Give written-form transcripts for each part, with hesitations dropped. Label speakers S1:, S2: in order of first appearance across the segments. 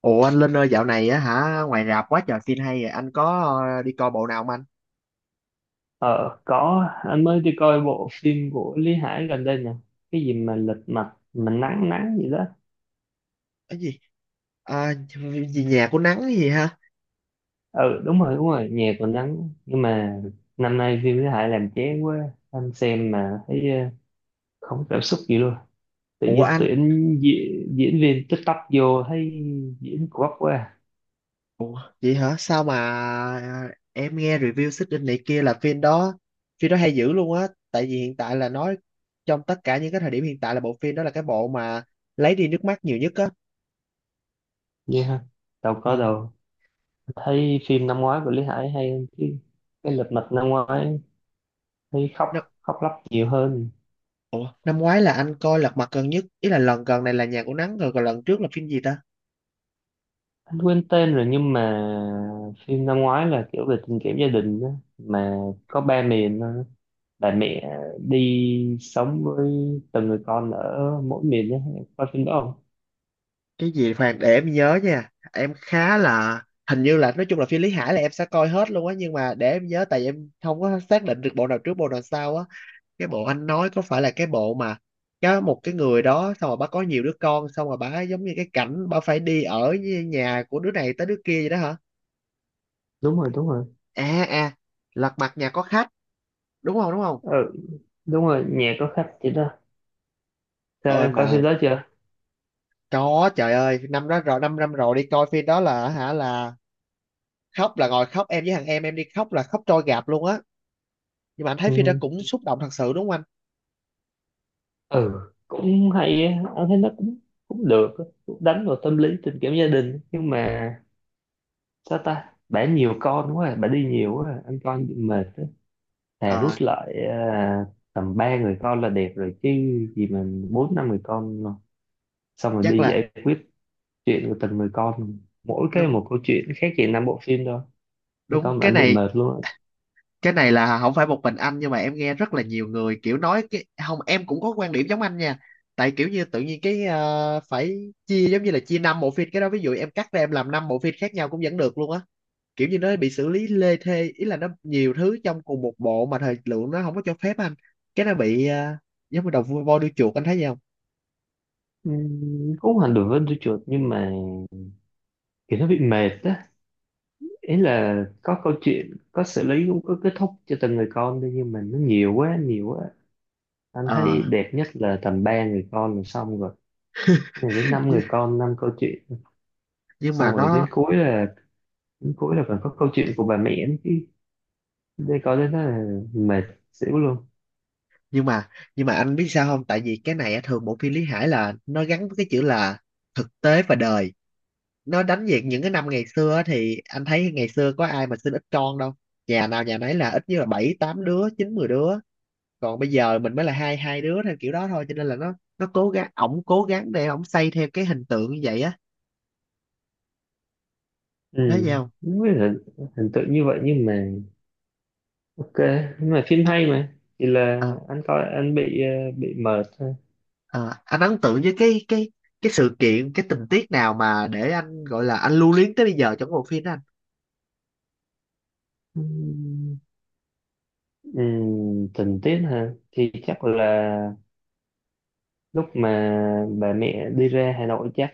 S1: Ủa anh Linh ơi, dạo này á hả, ngoài rạp quá trời phim hay, rồi anh có đi coi bộ nào không anh?
S2: Ờ, có, anh mới đi coi bộ phim của Lý Hải gần đây nè. Cái gì mà lật mặt, mà nắng nắng gì đó.
S1: Cái gì? À, gì nhà của nắng gì hả?
S2: Ừ, đúng rồi, nhà còn nắng. Nhưng mà năm nay phim Lý Hải làm chán quá. Anh xem mà thấy không có cảm xúc gì luôn. Tự
S1: Ủa
S2: nhiên
S1: anh?
S2: tuyển diễn viên tích tắp vô thấy diễn quắc quá.
S1: Ủa vậy hả? Sao mà em nghe review xích đinh này kia là phim đó hay dữ luôn á, tại vì hiện tại là nói trong tất cả những cái thời điểm hiện tại là bộ phim đó là cái bộ mà lấy đi nước mắt nhiều nhất á.
S2: Vậy ha, đâu có
S1: Ờ.
S2: đâu. Thấy phim năm ngoái của Lý Hải hay hơn chứ. Cái lật mặt năm ngoái thấy
S1: Nó,
S2: khóc lóc nhiều hơn.
S1: ủa năm ngoái là anh coi Lật Mặt gần nhất, ý là lần gần này là nhà của nắng rồi, còn lần trước là phim gì ta?
S2: Anh quên tên rồi nhưng mà phim năm ngoái là kiểu về tình cảm gia đình đó, mà có ba miền thôi. Bà mẹ đi sống với từng người con ở mỗi miền đó. Em coi phim đó không?
S1: Cái gì Hoàng, để em nhớ nha, em khá là, hình như là, nói chung là phim Lý Hải là em sẽ coi hết luôn á, nhưng mà để em nhớ, tại em không có xác định được bộ nào trước bộ nào sau á. Cái bộ anh nói có phải là cái bộ mà có một cái người đó, xong rồi bà có nhiều đứa con, xong rồi bà giống như cái cảnh bà phải đi ở với nhà của đứa này tới đứa kia vậy đó hả?
S2: Đúng rồi, đúng rồi.
S1: À à, Lật Mặt Nhà Có Khách đúng không, đúng không?
S2: Ừ, đúng rồi, nhà có khách chị đó. Sao
S1: Ôi
S2: em coi
S1: mà
S2: phim đó chưa?
S1: có trời ơi, năm đó rồi, năm năm rồi, đi coi phim đó là hả là khóc, là ngồi khóc, em với thằng em đi khóc là khóc trôi gạp luôn á. Nhưng mà anh thấy phim đó
S2: Ừ,
S1: cũng xúc động thật sự đúng không anh?
S2: ừ, cũng hay á. Anh thấy nó cũng cũng được á. Cũng đánh vào tâm lý tình cảm gia đình nhưng mà sao ta bà nhiều con quá à. Bà đi nhiều quá à. Anh coi bị mệt, thà rút
S1: Ờ,
S2: lại à, tầm ba người con là đẹp rồi chứ, gì mà bốn năm người con mà. Xong rồi
S1: chắc
S2: đi
S1: là
S2: giải quyết chuyện của từng người con, mỗi cái
S1: đúng,
S2: một câu chuyện khác gì năm bộ phim đâu. Mấy
S1: đúng.
S2: con mà
S1: cái
S2: anh bị
S1: này
S2: mệt luôn á.
S1: cái này là không phải một mình anh, nhưng mà em nghe rất là nhiều người kiểu nói, cái không, em cũng có quan điểm giống anh nha. Tại kiểu như tự nhiên cái phải chia, giống như là chia năm bộ phim. Cái đó ví dụ em cắt ra em làm năm bộ phim khác nhau cũng vẫn được luôn á. Kiểu như nó bị xử lý lê thê, ý là nó nhiều thứ trong cùng một bộ mà thời lượng nó không có cho phép anh. Cái nó bị giống như đầu voi đuôi chuột, anh thấy gì không?
S2: Cũng không hẳn đối với đứa chuột nhưng mà kiểu nó bị mệt á. Ý là có câu chuyện, có xử lý, cũng có kết thúc cho từng người con đi, nhưng mà nó nhiều quá nhiều quá. Anh
S1: Ờ,
S2: thấy đẹp nhất là tầm ba người con là xong rồi. Rồi đến năm người con năm câu chuyện,
S1: nhưng
S2: xong
S1: mà
S2: rồi đến
S1: nó,
S2: cuối là đến cuối là còn có câu chuyện của bà mẹ nữa chứ. Đi có đến đó là mệt xỉu luôn.
S1: nhưng mà nhưng mà anh biết sao không, tại vì cái này á, thường bộ phim Lý Hải là nó gắn với cái chữ là thực tế và đời. Nó đánh về những cái năm ngày xưa á, thì anh thấy ngày xưa có ai mà sinh ít con đâu, nhà nào nhà nấy là ít nhất là bảy tám đứa, chín mười đứa. Còn bây giờ mình mới là hai hai đứa theo kiểu đó thôi, cho nên là nó cố gắng, ổng cố gắng để ổng xây theo cái hình tượng như vậy á. Nói
S2: Ừ,
S1: gì không?
S2: không biết là hình tượng như vậy nhưng mà ok, nhưng mà phim hay, mà chỉ là
S1: Ờ,
S2: anh coi anh bị bị mệt thôi.
S1: ờ, anh ấn tượng với cái cái sự kiện, cái tình tiết nào mà để anh gọi là anh lưu luyến tới bây giờ trong cái bộ phim đó anh?
S2: Ừ. Ừ, tình tiết hả thì chắc là lúc mà bà mẹ đi ra Hà Nội, chắc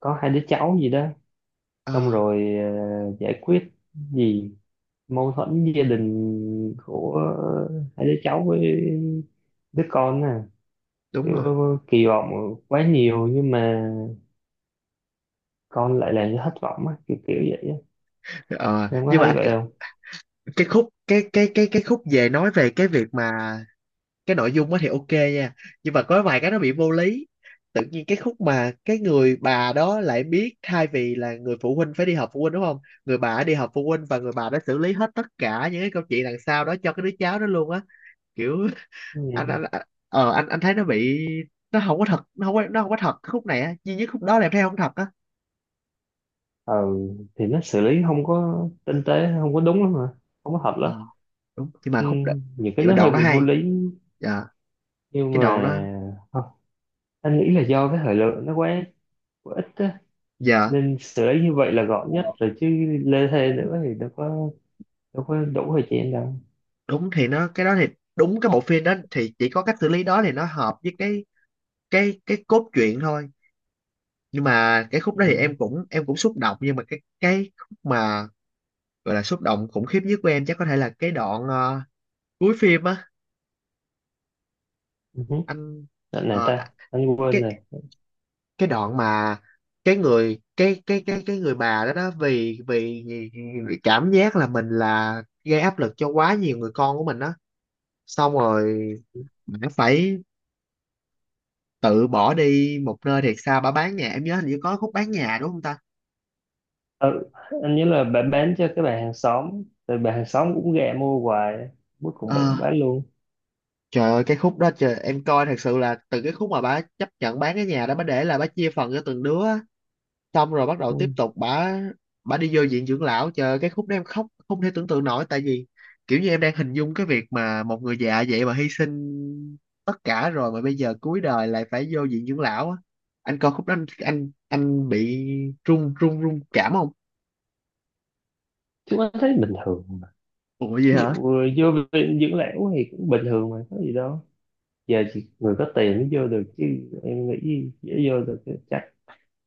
S2: có hai đứa cháu gì đó.
S1: Ờ,
S2: Xong rồi giải quyết gì mâu thuẫn gia đình của hai đứa cháu với đứa con nè.
S1: đúng
S2: Kiểu
S1: rồi.
S2: kỳ vọng quá nhiều nhưng mà con lại làm cho thất vọng á, kiểu kiểu vậy á.
S1: Ờ,
S2: Em có
S1: nhưng mà
S2: thấy
S1: anh,
S2: vậy không?
S1: cái khúc cái khúc về, nói về cái việc mà, cái nội dung á thì ok nha, nhưng mà có vài cái nó bị vô lý. Tự nhiên cái khúc mà cái người bà đó lại biết, thay vì là người phụ huynh phải đi họp phụ huynh đúng không, người bà đã đi họp phụ huynh và người bà đã xử lý hết tất cả những cái câu chuyện đằng sau đó cho cái đứa cháu đó luôn á. Kiểu anh
S2: Ừ.
S1: anh anh- anh thấy nó bị, nó không có thật, nó không có, nó không có thật. Cái khúc này á, duy nhất khúc đó là em thấy không thật á.
S2: Ừ, thì nó xử lý không có tinh tế, không có đúng lắm mà không có hợp
S1: Ờ,
S2: lắm.
S1: đúng, nhưng mà
S2: Ừ.
S1: khúc đó,
S2: Nhiều
S1: nhưng
S2: cái
S1: mà
S2: nó hơi
S1: đoạn đó
S2: bị vô
S1: hay.
S2: lý.
S1: Dạ,
S2: Nhưng
S1: cái đoạn đó.
S2: mà không, anh nghĩ là do cái thời lượng nó quá quá ít á
S1: Dạ,
S2: nên xử lý như vậy là gọn nhất rồi chứ, lê thê nữa thì đâu có đủ thời gian đâu.
S1: đúng, thì nó cái đó thì, đúng, cái bộ phim đó thì chỉ có cách xử lý đó thì nó hợp với cái cốt truyện thôi. Nhưng mà cái khúc đó thì
S2: Ừ.
S1: em cũng, em cũng xúc động, nhưng mà cái khúc mà gọi là xúc động khủng khiếp nhất của em chắc có thể là cái đoạn cuối phim á.
S2: Ừ. Hứ.
S1: Anh,
S2: Này
S1: ờ,
S2: ta anh quên
S1: cái
S2: rồi.
S1: cái đoạn mà cái người bà đó đó, vì vì vì cảm giác là mình là gây áp lực cho quá nhiều người con của mình đó, xong rồi bà phải tự bỏ đi một nơi thiệt xa, bà bán nhà, em nhớ hình như có khúc bán nhà đúng không ta?
S2: Ừ, anh nhớ là bạn bán cho cái bạn hàng xóm rồi bạn hàng xóm cũng gạ mua hoài, cuối cùng
S1: Ờ,
S2: bạn cũng bán luôn.
S1: trời ơi, cái khúc đó trời, em coi thật sự là từ cái khúc mà bà chấp nhận bán cái nhà đó, bà để là bà chia phần cho từng đứa á. Xong rồi bắt đầu tiếp
S2: Ừ.
S1: tục bà đi vô viện dưỡng lão, trời ơi, cái khúc đó em khóc không thể tưởng tượng nổi, tại vì kiểu như em đang hình dung cái việc mà một người già vậy mà hy sinh tất cả rồi mà bây giờ cuối đời lại phải vô viện dưỡng lão á. Anh coi khúc đó anh anh bị run run run cảm không?
S2: Chứ anh thấy bình thường.
S1: Ủa gì
S2: Ví
S1: hả?
S2: dụ vô viện dưỡng lão thì cũng bình thường mà có gì đâu. Giờ chỉ người có tiền mới vô được chứ. Em nghĩ dễ vô được chứ. Chắc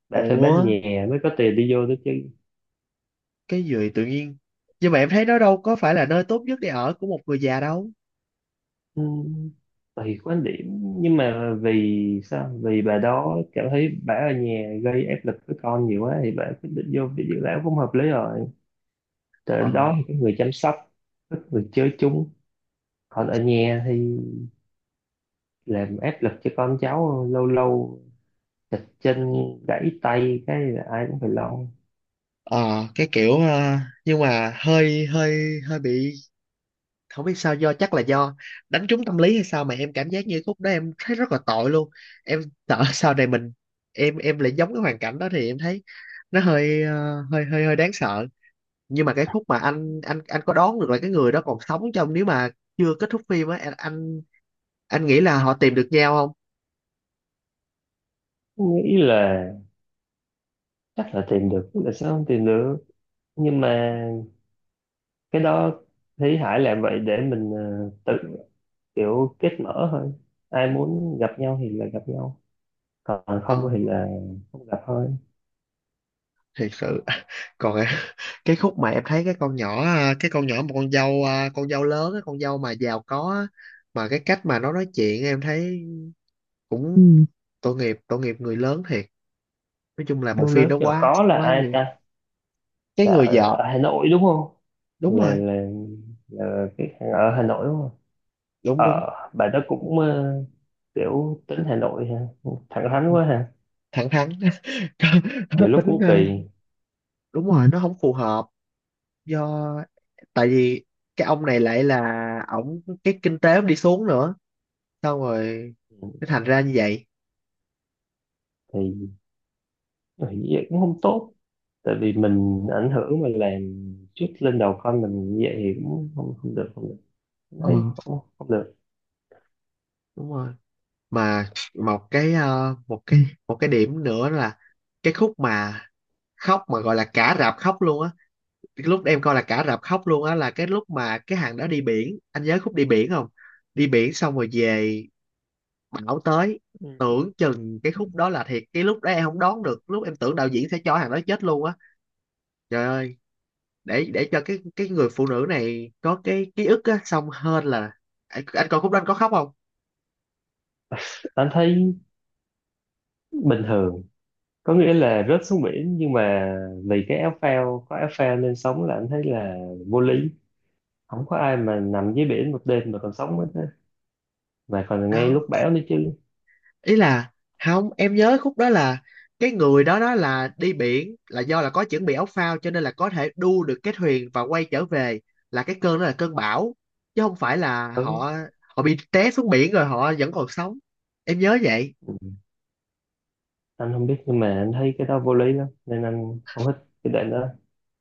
S2: đã phải
S1: Ủa
S2: bán nhà mới có tiền đi vô được chứ.
S1: cái gì tự nhiên, nhưng mà em thấy nó đâu có phải là nơi tốt nhất để ở của một người già đâu.
S2: Ừ. Tùy quan điểm nhưng mà vì sao, vì bà đó cảm thấy bà ở nhà gây áp lực với con nhiều quá thì bà quyết định vô viện dưỡng lão cũng hợp lý rồi. Tới
S1: Ờ,
S2: lúc đó thì có người chăm sóc, có người chơi chung. Còn ở nhà thì làm áp lực cho con cháu, lâu lâu chật chân gãy tay cái là ai cũng phải lo.
S1: ờ, cái kiểu nhưng mà hơi hơi hơi bị, không biết sao, do chắc là do đánh trúng tâm lý hay sao mà em cảm giác như khúc đó em thấy rất là tội luôn. Em sợ sau này mình, em lại giống cái hoàn cảnh đó thì em thấy nó hơi hơi đáng sợ. Nhưng mà cái khúc mà anh, anh có đoán được là cái người đó còn sống trong, nếu mà chưa kết thúc phim á anh nghĩ là họ tìm được nhau không?
S2: Nghĩ là chắc là tìm được, là sao không tìm được. Nhưng mà cái đó thấy Hải làm vậy để mình tự kiểu kết mở thôi. Ai muốn gặp nhau thì là gặp nhau, còn
S1: Ờ,
S2: không thì là không gặp thôi.
S1: thiệt sự. Còn cái khúc mà em thấy cái con nhỏ à, cái con nhỏ, một con dâu à, con dâu lớn á, con dâu mà giàu có á, mà cái cách mà nó nói chuyện em thấy cũng, ừ, tội nghiệp, tội nghiệp người lớn thiệt. Nói chung là bộ
S2: Yêu
S1: phim
S2: lớn
S1: đó
S2: giàu
S1: quá,
S2: có là
S1: quá
S2: ai
S1: nhiều.
S2: ta?
S1: Cái
S2: Là
S1: người
S2: ở,
S1: vợ.
S2: ở Hà Nội đúng không?
S1: Đúng
S2: Là
S1: rồi.
S2: là, là cái hàng ở Hà Nội đúng không?
S1: Đúng,
S2: Ờ,
S1: đúng.
S2: bà đó cũng kiểu tính Hà Nội ha, thẳng thắn
S1: Ừ,
S2: quá ha.
S1: thẳng thắn. Nó
S2: Nhiều lúc
S1: tính
S2: cũng kỳ.
S1: đúng, ừ, rồi nó không phù hợp, do, tại vì cái ông này lại là ổng, cái kinh tế ổng đi xuống nữa, xong rồi nó thành ra như vậy.
S2: Thì thì như vậy cũng không tốt, tại vì mình ảnh hưởng mà làm chút lên đầu con mình như vậy thì cũng không không được không được. Anh
S1: Ờ,
S2: thấy không, không được.
S1: đúng rồi. Mà một cái một cái, một cái điểm nữa là cái khúc mà khóc mà gọi là cả rạp khóc luôn á. Cái lúc em coi là cả rạp khóc luôn á là cái lúc mà cái hàng đó đi biển, anh nhớ khúc đi biển không? Đi biển xong rồi về, bão tới,
S2: Ừ.
S1: tưởng chừng cái khúc đó là thiệt, cái lúc đó em không đoán được, lúc em tưởng đạo diễn sẽ cho hàng đó chết luôn á. Trời ơi, để cho cái người phụ nữ này có cái ký ức á xong hơn là, anh coi khúc đó anh có khóc không?
S2: Anh thấy bình thường, có nghĩa là rớt xuống biển nhưng mà vì cái áo phao, có áo phao nên sống, là anh thấy là vô lý. Không có ai mà nằm dưới biển một đêm mà còn sống hết á, mà còn ngay lúc
S1: Đó,
S2: bão nữa chứ.
S1: ý là, không, em nhớ khúc đó là cái người đó đó là đi biển là do là có chuẩn bị áo phao cho nên là có thể đu được cái thuyền và quay trở về, là cái cơn đó là cơn bão, chứ không phải là
S2: Ừ.
S1: họ, họ bị té xuống biển rồi họ vẫn còn sống. Em nhớ vậy.
S2: Ừ. Anh không biết nhưng mà anh thấy cái đó vô lý lắm nên anh không thích cái đoạn đó.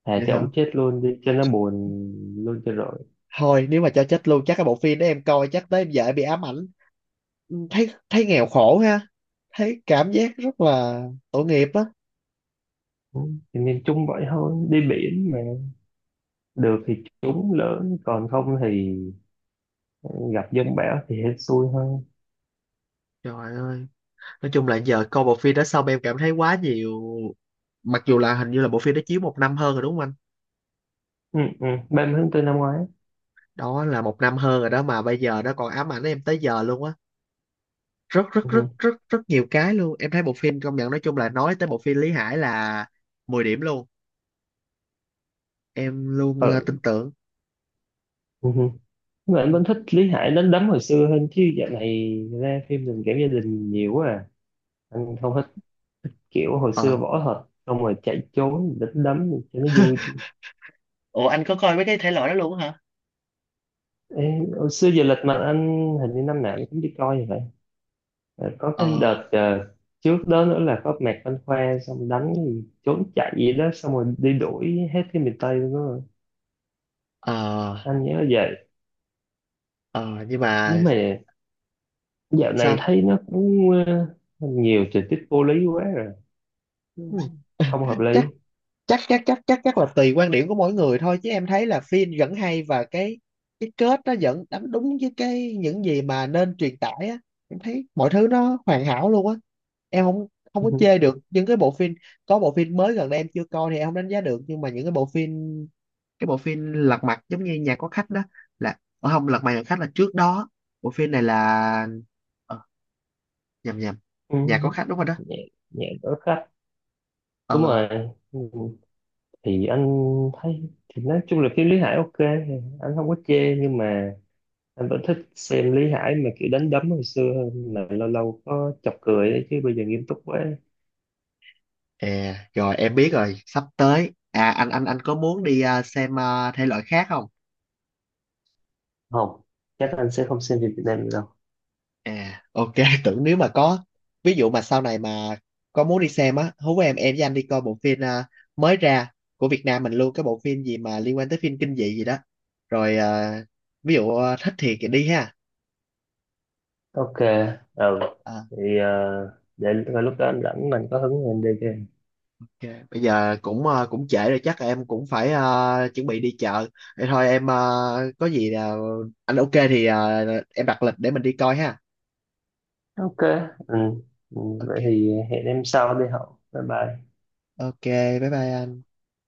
S2: Thà
S1: Vậy
S2: cho
S1: hả?
S2: ông chết luôn đi cho nó buồn luôn cho rồi.
S1: Thôi nếu mà cho chết luôn chắc cái bộ phim đó em coi chắc tới em vợ bị ám ảnh, thấy thấy nghèo khổ ha, thấy cảm giác rất là tội nghiệp á.
S2: Ừ. Thì nên chung vậy thôi, đi biển mà được thì chúng lớn, còn không thì gặp giông bão thì hết xui hơn.
S1: Trời ơi, nói chung là giờ coi bộ phim đó xong em cảm thấy quá nhiều, mặc dù là hình như là bộ phim đó chiếu một năm hơn rồi đúng không anh?
S2: Ừ, ừ. 30 tháng 4 năm ngoái.
S1: Đó là một năm hơn rồi đó, mà bây giờ nó còn ám ảnh em tới giờ luôn á, rất rất rất
S2: Ừ.
S1: rất rất nhiều cái luôn, em thấy bộ phim công nhận, nói chung là nói tới bộ phim Lý Hải là mười điểm luôn. Em luôn tin
S2: Ừ.
S1: tưởng.
S2: Ừ. Mà anh
S1: Ừ.
S2: vẫn thích Lý Hải đánh đấm hồi xưa hơn chứ dạo này ra phim tình cảm gia đình nhiều quá à. Anh không, kiểu hồi
S1: Ờ,
S2: xưa võ thuật xong rồi chạy trốn đánh đấm cho nó vui.
S1: ủa anh có coi mấy cái thể loại đó luôn á hả?
S2: Ê, hồi xưa giờ lịch mà anh hình như năm nào anh cũng đi coi như vậy. Ờ, có
S1: Ờ,
S2: cái đợt trước đó nữa là có Mạc Văn Khoa xong đánh gì, trốn chạy gì đó xong rồi đi đuổi hết cái miền Tây luôn đó.
S1: ờ,
S2: Anh nhớ vậy.
S1: ờ, nhưng
S2: Nhưng
S1: mà
S2: mà dạo này
S1: sao
S2: thấy nó cũng nhiều tình tiết vô lý quá rồi.
S1: anh? Ừ.
S2: Không hợp lý.
S1: chắc chắc chắc chắc chắc chắc là tùy quan điểm của mỗi người thôi, chứ em thấy là phim vẫn hay và cái kết nó vẫn đánh đúng với cái những gì mà nên truyền tải á. Em thấy mọi thứ nó hoàn hảo luôn á, em không, không có chê được những cái bộ phim. Có bộ phim mới gần đây em chưa coi thì em không đánh giá được, nhưng mà những cái bộ phim, cái bộ phim Lật Mặt giống như nhà có khách đó là không, Lật Mặt nhà có khách là trước đó, bộ phim này là ờ, nhầm nhầm,
S2: Ừ,
S1: nhà có khách đúng rồi đó.
S2: nhẹ nhẹ đỡ khách đúng
S1: Ờ,
S2: rồi. Ừ, thì anh thấy thì nói chung là phim Lý Hải ok, anh không có chê nhưng mà anh vẫn thích xem Lý Hải mà kiểu đánh đấm hồi xưa hơn, mà lâu lâu có chọc cười đấy, chứ bây giờ nghiêm túc quá.
S1: à, rồi em biết rồi, sắp tới. À, anh có muốn đi à, xem à, thể loại khác không?
S2: Không, chắc anh sẽ không xem phim Việt Nam nữa đâu.
S1: À, ok, tưởng, nếu mà có ví dụ mà sau này mà có muốn đi xem á, hú em với anh đi coi bộ phim à, mới ra, của Việt Nam mình luôn, cái bộ phim gì mà liên quan tới phim kinh dị gì đó. Rồi à, ví dụ à, thích thì đi ha.
S2: Ok. Ừ,
S1: À,
S2: thì để rồi lúc đó anh rảnh mình có hứng thì anh đi game.
S1: ok. Bây giờ cũng à, cũng trễ rồi, chắc là em cũng phải à, chuẩn bị đi chợ. Vậy thôi em à, có gì là anh ok thì à, em đặt lịch để mình đi coi ha.
S2: Ok. Ừ. Ừ,
S1: Ok.
S2: vậy thì hẹn em sau đi hậu bye bye.
S1: Ok, bye bye anh.